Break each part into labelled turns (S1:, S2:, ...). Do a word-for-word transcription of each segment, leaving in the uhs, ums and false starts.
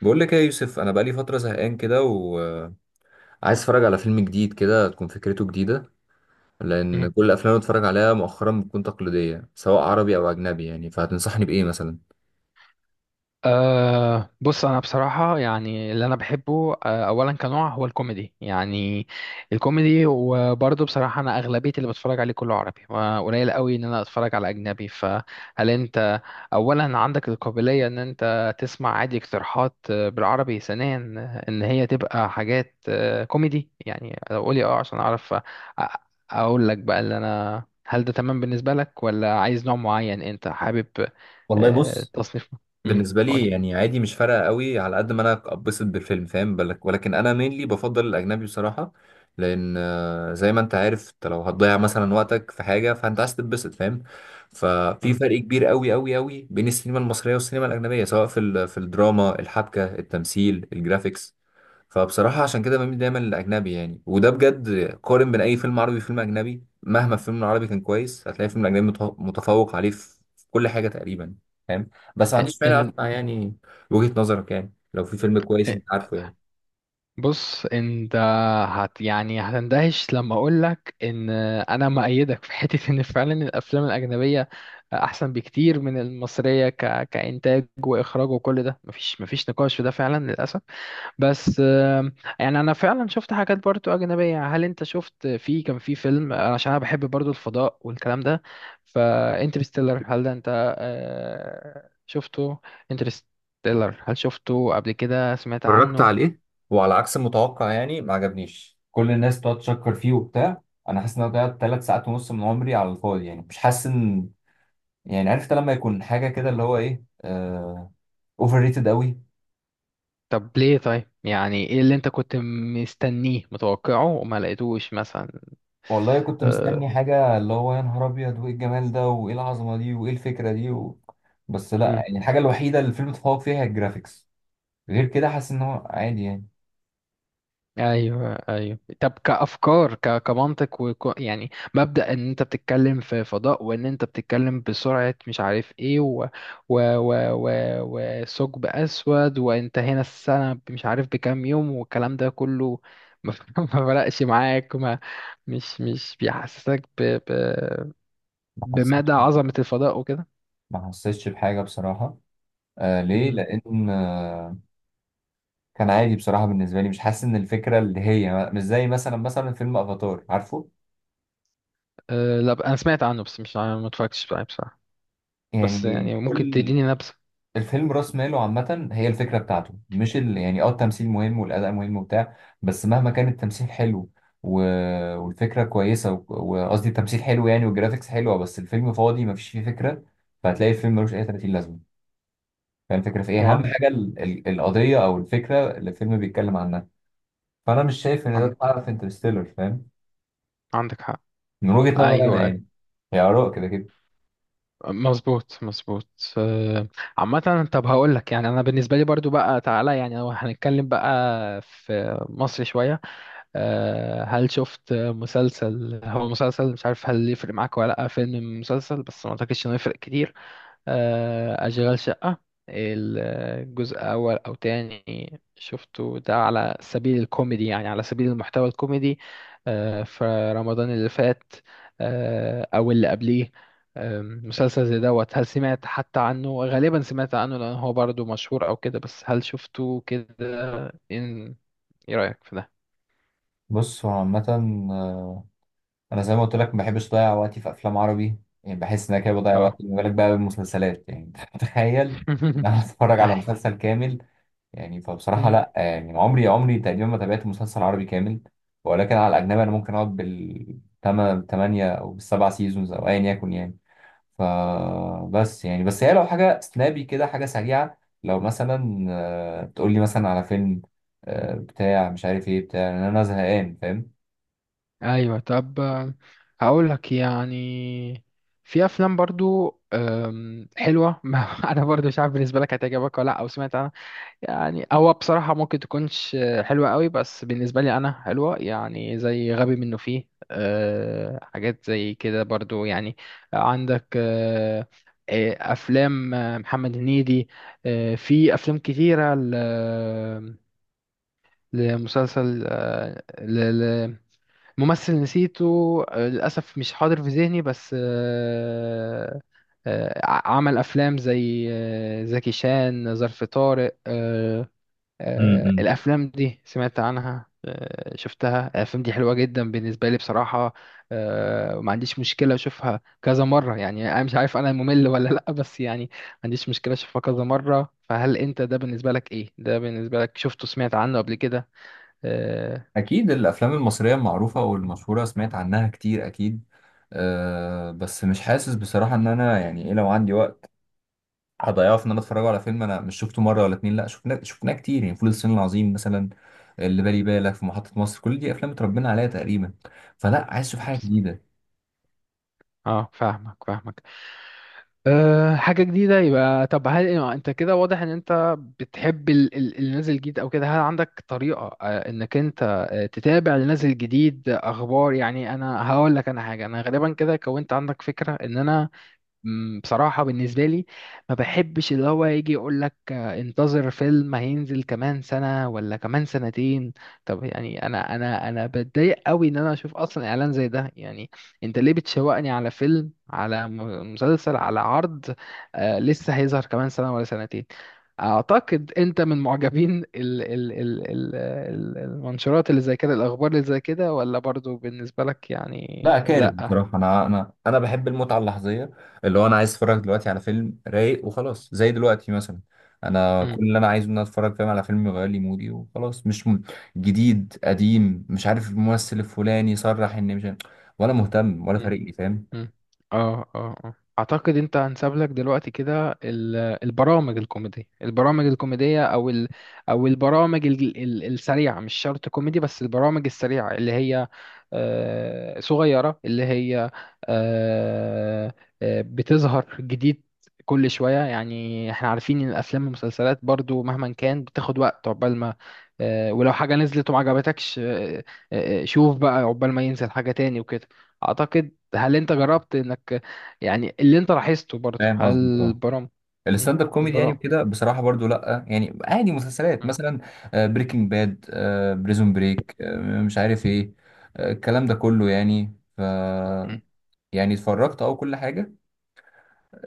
S1: بقول لك ايه يا يوسف؟ انا بقالي فتره زهقان كده وعايز اتفرج على فيلم جديد كده تكون فكرته جديده،
S2: مم.
S1: لان كل الافلام اللي بتفرج عليها مؤخرا بتكون تقليديه سواء عربي او اجنبي. يعني فهتنصحني بايه مثلا؟
S2: أه بص انا بصراحه يعني اللي انا بحبه، أه اولا كنوع، هو الكوميدي يعني. الكوميدي، وبرضه بصراحه انا اغلبيه اللي بتفرج عليه كله عربي، وقليل قوي ان انا اتفرج على اجنبي. فهل انت اولا عندك القابليه ان انت تسمع عادي اقتراحات آه، بالعربي؟ ثانيا ان هي تبقى حاجات آه، كوميدي. يعني لو قولي اه عشان اعرف أ- اقول لك بقى اللي انا، هل ده تمام بالنسبه لك، ولا عايز نوع معين انت حابب
S1: والله
S2: آه،
S1: بص،
S2: تصنيف؟ امم
S1: بالنسبه لي
S2: قولي.
S1: يعني عادي، مش فارقه قوي على قد ما انا اتبسط بالفيلم، فاهم بالك؟ ولكن انا مينلي بفضل الاجنبي بصراحه. لان آه، زي ما انت عارف، انت لو هتضيع مثلا وقتك في حاجه فانت عايز تتبسط، فاهم؟ ففي
S2: مم.
S1: فرق كبير قوي قوي قوي بين السينما المصريه والسينما الاجنبيه، سواء في ال- في الدراما، الحبكه، التمثيل، الجرافيكس. فبصراحة عشان كده بميل دايما للأجنبي يعني، وده بجد. قارن بين أي فيلم عربي وفيلم أجنبي، مهما الفيلم العربي كان كويس هتلاقي الفيلم الأجنبي متف- متفوق عليه في في كل حاجة تقريبا. فاهم؟ بس ما عنديش مانع
S2: ان
S1: أسمع يعني وجهة نظرك، يعني لو في فيلم كويس
S2: إن-
S1: أنت عارفه يعني.
S2: بص انت هت يعني هتندهش لما اقول لك ان انا مؤيدك في حته ان فعلا الافلام الاجنبيه احسن بكتير من المصريه، ك... كانتاج واخراج وكل ده. مفيش مفيش نقاش في ده فعلا للاسف. بس آم، يعني انا فعلا شفت حاجات برضو اجنبيه. هل انت شفت، في كان في فيلم، عشان انا بحب برضو الفضاء والكلام ده، فانترستيلر، هل ده انت آه، شفته؟ انترستيلر، هل شفته قبل كده؟ سمعت
S1: اتفرجت على
S2: عنه؟
S1: ايه؟ وعلى عكس المتوقع يعني، ما عجبنيش. كل الناس بتقعد تشكر فيه وبتاع. أنا حاسس إن أنا ضيعت ثلاث ساعات ونص من عمري على الفاضي، يعني مش حاسس إن، يعني عرفت لما يكون حاجة كده اللي هو إيه، آه... اوفر ريتد قوي.
S2: طب ليه طيب؟ يعني ايه اللي انت كنت مستنيه متوقعه وما لقيتوش
S1: والله كنت
S2: مثلا؟
S1: مستني حاجة اللي هو يا نهار أبيض، وإيه الجمال ده وإيه العظمة دي وإيه الفكرة دي و... بس لأ يعني، الحاجة الوحيدة اللي الفيلم اتفوق فيها هي الجرافيكس. غير كده حاسس إن هو عادي يعني.
S2: ايوه ايوه. طب كافكار، ك... كمنطق، وك... يعني مبدا ان انت بتتكلم في فضاء، وان انت بتتكلم بسرعه مش عارف ايه، و... و... و... و... وثقب اسود، وانت هنا السنه مش عارف بكام يوم، والكلام ده كله، ما ما فرقش معاك؟ ما مش مش بيحسسك ب... ب...
S1: ما
S2: بمدى
S1: حسيتش
S2: عظمه الفضاء وكده؟
S1: ما حسيتش بحاجة بصراحة. آه ليه؟
S2: امم
S1: لأن آه كان عادي بصراحة بالنسبة لي، مش حاسس إن الفكرة اللي هي مش زي مثلا مثلا فيلم أفاتار، عارفه؟
S2: أه لا، ب- انا سمعت عنه بس مش عارف- ما اتفرجتش عليه بصراحه. بس
S1: يعني
S2: يعني ممكن
S1: كل
S2: تديني نبذه؟
S1: الفيلم راس ماله عامة هي الفكرة بتاعته، مش ال... يعني اه التمثيل مهم والأداء مهم وبتاع، بس مهما كان التمثيل حلو و... والفكرة كويسة و- وقصدي التمثيل حلو يعني والجرافيكس حلوة، بس الفيلم فاضي مفيش فيه فكرة. فهتلاقي الفيلم ملوش أي ثلاثين لازمة. فاهم الفكرة في
S2: هو
S1: إيه؟ أهم
S2: عن...
S1: حاجة ال... ال... القضية أو الفكرة اللي الفيلم بيتكلم عنها. فأنا مش شايف إن ده
S2: عن-
S1: اتحقق في انترستيلر، فاهم؟
S2: عندك حق.
S1: من وجهة نظري أنا
S2: ايوه.
S1: يعني، هي آراء كده كده.
S2: مظبوط مظبوط آه، عامة طب هقول لك. يعني انا بالنسبة لي برضو بقى، تعالى يعني لو هنتكلم بقى في مصر شوية، آه، هل شفت مسلسل؟ هو مسلسل، مش عارف هل يفرق معاك ولا لا، فيلم مسلسل، بس ما اعتقدش انه يفرق كتير. آه، أشغال شقة، الجزء أول أو تاني، شفته ده؟ على سبيل الكوميدي، يعني على سبيل المحتوى الكوميدي. آه، في رمضان اللي فات، آه، أو اللي قبليه. آم، مسلسل زي دوت، هل سمعت حتى عنه؟ غالبا سمعت عنه لأن هو برضه مشهور أو كده، بس هل شفته كده؟ إن إيه رأيك في ده؟
S1: بص هو عامة، انا زي ما قلت لك ما بحبش اضيع وقتي في افلام عربي. يعني بحس ان انا كده بضيع وقتي،
S2: اه.
S1: ما بالك بقى بالمسلسلات يعني. تخيل ان انا اتفرج على مسلسل كامل! يعني فبصراحه
S2: أي.
S1: لا يعني، عمري عمري تقريبا ما تابعت مسلسل عربي كامل. ولكن على الاجنبي انا ممكن اقعد بالثمانية او بالسبع سيزونز، او ايا يكن يعني. فبس يعني، بس هي لو حاجه سنابي كده، حاجه سريعه. لو مثلا آه، تقول لي مثلا على فيلم آه، بتاع مش عارف ايه، بتاع ان انا زهقان،
S2: ايوه. طب آه، هقول لك يعني في افلام برضو آم، حلوه. ما انا برضو مش عارف بالنسبه لك هتعجبك ولا لا، او سمعت عنها. يعني هو بصراحه ممكن تكونش آه، حلوه قوي، بس بالنسبه لي انا حلوه. يعني زي غبي منه، فيه آه، حاجات زي كده برضو يعني. عندك آه، آه، افلام آه، محمد هنيدي. آه، في افلام كتيره ل- آه، لمسلسل، آه، ل- ممثل نسيته آه، للأسف، مش حاضر في ذهني. بس آه، آه، عمل أفلام زي آه، زكي شان، ظرف طارق آه، آه،
S1: فاهم؟
S2: الأفلام دي سمعت عنها؟ آه، شفتها؟ الأفلام دي حلوة جدا بالنسبة لي بصراحة. آه، وما عنديش مشكلة أشوفها كذا مرة. يعني أنا مش عارف أنا ممل ولا لأ، بس يعني ما عنديش مشكلة أشوفها كذا مرة. فهل أنت، ده بالنسبة لك إيه؟ ده بالنسبة لك شفته، سمعت عنه قبل كده؟ آه،
S1: أكيد الأفلام المصرية المعروفة والمشهورة سمعت عنها كتير أكيد. أه بس مش حاسس بصراحة إن أنا، يعني إيه، لو عندي وقت هضيعه في إن أنا أتفرج على فيلم أنا مش شفته مرة ولا اتنين؟ لأ، شفناه شفناه كتير يعني، فول الصين العظيم مثلا، اللي بالي بالك في محطة مصر، كل دي أفلام اتربينا عليها تقريبا. فلأ، عايز أشوف حاجة
S2: بس-
S1: جديدة.
S2: اه فاهمك فاهمك أه حاجة جديدة، يبقى طب. هل انت كده واضح ان انت بتحب ال- ال- اللي نازل جديد او كده؟ هل عندك طريقة أه انك انت أه تتابع اللي نازل جديد، آه، اخبار يعني؟ انا هقول لك انا حاجة، انا غالبا كده كونت عندك فكرة ان انا مم، بصراحة بالنسبة لي ما بحبش اللي هو يجي يقول لك آه، انتظر فيلم هينزل كمان سنة ولا كمان سنتين. طب يعني انا انا انا بتضايق قوي ان انا اشوف اصلا اعلان زي ده يعني. انت ليه بتشوقني على فيلم، على م- مسلسل، على عرض آه لسه هيظهر كمان سنة ولا سنتين؟ اعتقد انت من معجبين ال ال ال ال ال- المنشورات اللي زي كده، الاخبار اللي زي كده، ولا برضو بالنسبة لك
S1: لا
S2: يعني
S1: كارف
S2: لا؟
S1: بصراحة، أنا أنا أنا بحب المتعة اللحظية، اللي هو أنا عايز أتفرج دلوقتي على فيلم رايق وخلاص، زي دلوقتي مثلا. أنا
S2: مم،
S1: كل اللي أنا عايزه إن أنا أتفرج، فاهم، على فيلم يغير لي مودي وخلاص، مش م... جديد قديم مش عارف الممثل الفلاني صرح إن مش عارف- ولا مهتم ولا
S2: مم.
S1: فارق لي، فاهم؟
S2: مم. اه اه اه اعتقد انت هنساب لك دلوقتي كده ال- البرامج الكوميدية. البرامج الكوميدية او ال او البرامج ال- ال- السريعة، مش شرط كوميدي، بس البرامج السريعة اللي هي آه، صغيرة، اللي هي آه، آه، بتظهر جديد كل شوية. يعني احنا عارفين ان الافلام والمسلسلات برضو مهما كان بتاخد وقت عقبال ما آه، ولو حاجة نزلت وما عجبتكش، آه، آه، آه، شوف بقى عقبال ما ينزل حاجة تاني وكده. اعتقد، هل انت جربت انك يعني اللي انت لاحظته برضه،
S1: فاهم
S2: هل
S1: قصدي؟ أه
S2: البرام مم.
S1: الستاند اب كوميدي يعني
S2: البرام
S1: وكده، بصراحة برضو لأ يعني عادي. مسلسلات
S2: مم.
S1: مثلا، آه، بريكنج باد، آه، بريزون بريك، آه، مش عارف إيه، آه، الكلام ده كله يعني ف.
S2: مم.
S1: يعني اتفرجت أه كل حاجة.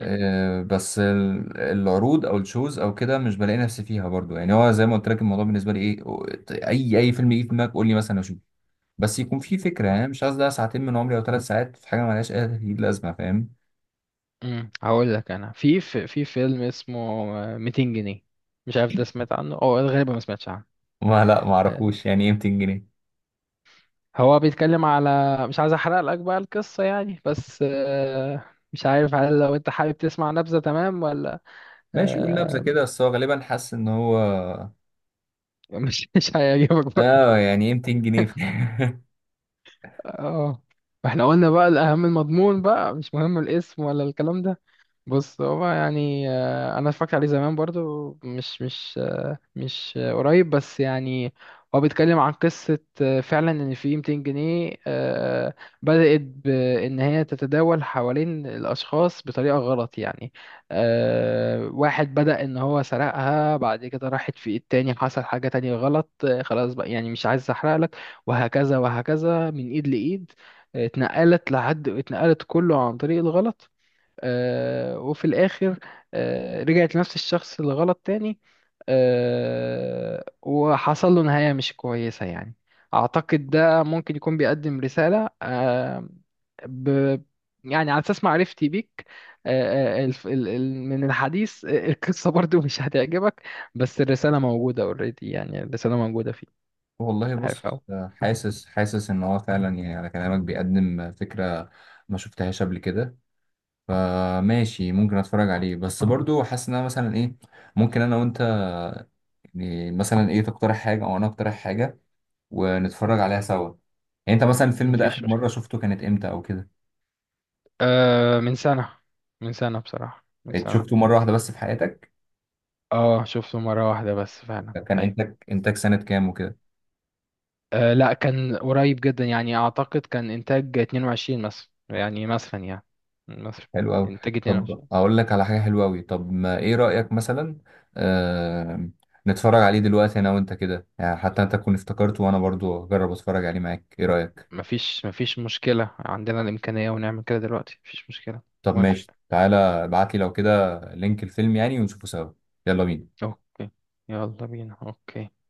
S2: مم.
S1: بس ال- العروض او الشوز او كده مش بلاقي نفسي فيها برضو يعني. هو زي ما قلت لك، الموضوع بالنسبه لي ايه و- اي اي فيلم يجي في دماغك قول لي، مثلا اشوف. بس يكون في فكره يعني، مش عايز ده ساعتين من عمري او ثلاث ساعات في حاجه مالهاش اي تأكيد لازمه، فاهم؟
S2: مم. هقول لك انا، في في في فيلم اسمه ميتين جنيه، مش عارف ده سمعت عنه او غالبا ما سمعتش عنه؟
S1: ما لا، ما
S2: آه،
S1: اعرفوش يعني ايه ميتين جنيه.
S2: هو بيتكلم على، مش عايز احرق لك بقى القصة يعني، بس آه، مش عارف هل لو انت حابب تسمع نبذة؟ تمام ولا؟
S1: ماشي يقول نبذه
S2: آه،
S1: كده، بس هو غالبا حاسس ان هو.
S2: مش مش هيعجبك برضه.
S1: اه، يعني ايه ميتين جنيه؟
S2: اه. احنا قلنا بقى الاهم المضمون، بقى مش مهم الاسم ولا الكلام ده. بص هو يعني آه، انا اتفرجت عليه زمان برضو، مش مش آه، مش آه، قريب، بس يعني هو بيتكلم عن قصة آه، فعلا ان في مئتين جنيه آه، بدأت بان هي تتداول حوالين الاشخاص بطريقة غلط يعني. آه، واحد بدأ ان هو سرقها، بعد كده راحت في ايد تاني، حصل حاجة تانية غلط آه، خلاص بقى يعني، مش عايز احرق لك. وهكذا وهكذا، من ايد لايد آه، اتنقلت، لحد اتنقلت كله عن طريق الغلط، آه، وفي الآخر آه، رجعت لنفس الشخص اللي غلط تاني، آه، وحصل له نهاية مش كويسة يعني. أعتقد ده ممكن يكون بيقدم رسالة آه، ب يعني على أساس معرفتي بيك آه، آه، الف- ال- ال- من الحديث آه، القصة برضو مش هتعجبك، بس الرسالة موجودة اوريدي. يعني الرسالة موجودة فيه.
S1: والله
S2: عارف أهو.
S1: بص، آه، حاسس حاسس ان هو فعلا يعني على كلامك بيقدم فكره ما شفتهاش قبل كده. فماشي ممكن اتفرج عليه، بس برضو حاسس ان انا مثلا ايه، ممكن انا وانت، يعني مثلا ايه، تقترح حاجه او انا اقترح حاجه ونتفرج عليها سوا. يعني انت مثلا الفيلم ده اخر
S2: مفيش
S1: مره
S2: مشكلة.
S1: شفته كانت امتى او كده؟
S2: آه، من سنة. من سنة بصراحة، من
S1: إيه، شفته
S2: سنة.
S1: مره واحده بس في حياتك؟
S2: اه شفته مرة واحدة بس فعلا،
S1: كان
S2: أيوة.
S1: انتاج انتاج سنه كام وكده؟
S2: آه لا كان قريب جدا، يعني اعتقد كان انتاج اتنين وعشرين مثلا يعني، مثلا يعني مثلا
S1: حلو قوي.
S2: انتاج
S1: طب
S2: اتنين وعشرين.
S1: اقول لك على حاجه حلوه قوي. طب ما ايه رايك مثلا آه... نتفرج عليه دلوقتي انا وانت كده يعني، حتى انت تكون افتكرته وانا برضو اجرب اتفرج عليه معاك. ايه رايك؟
S2: مفيش مفيش مشكلة، عندنا الإمكانية ونعمل كده دلوقتي، مفيش مشكلة.
S1: طب
S2: موافق.
S1: ماشي، تعالى ابعت لي لو كده لينك الفيلم يعني، ونشوفه سوا. يلا بينا.
S2: اوكي. يلا بينا. اوكي.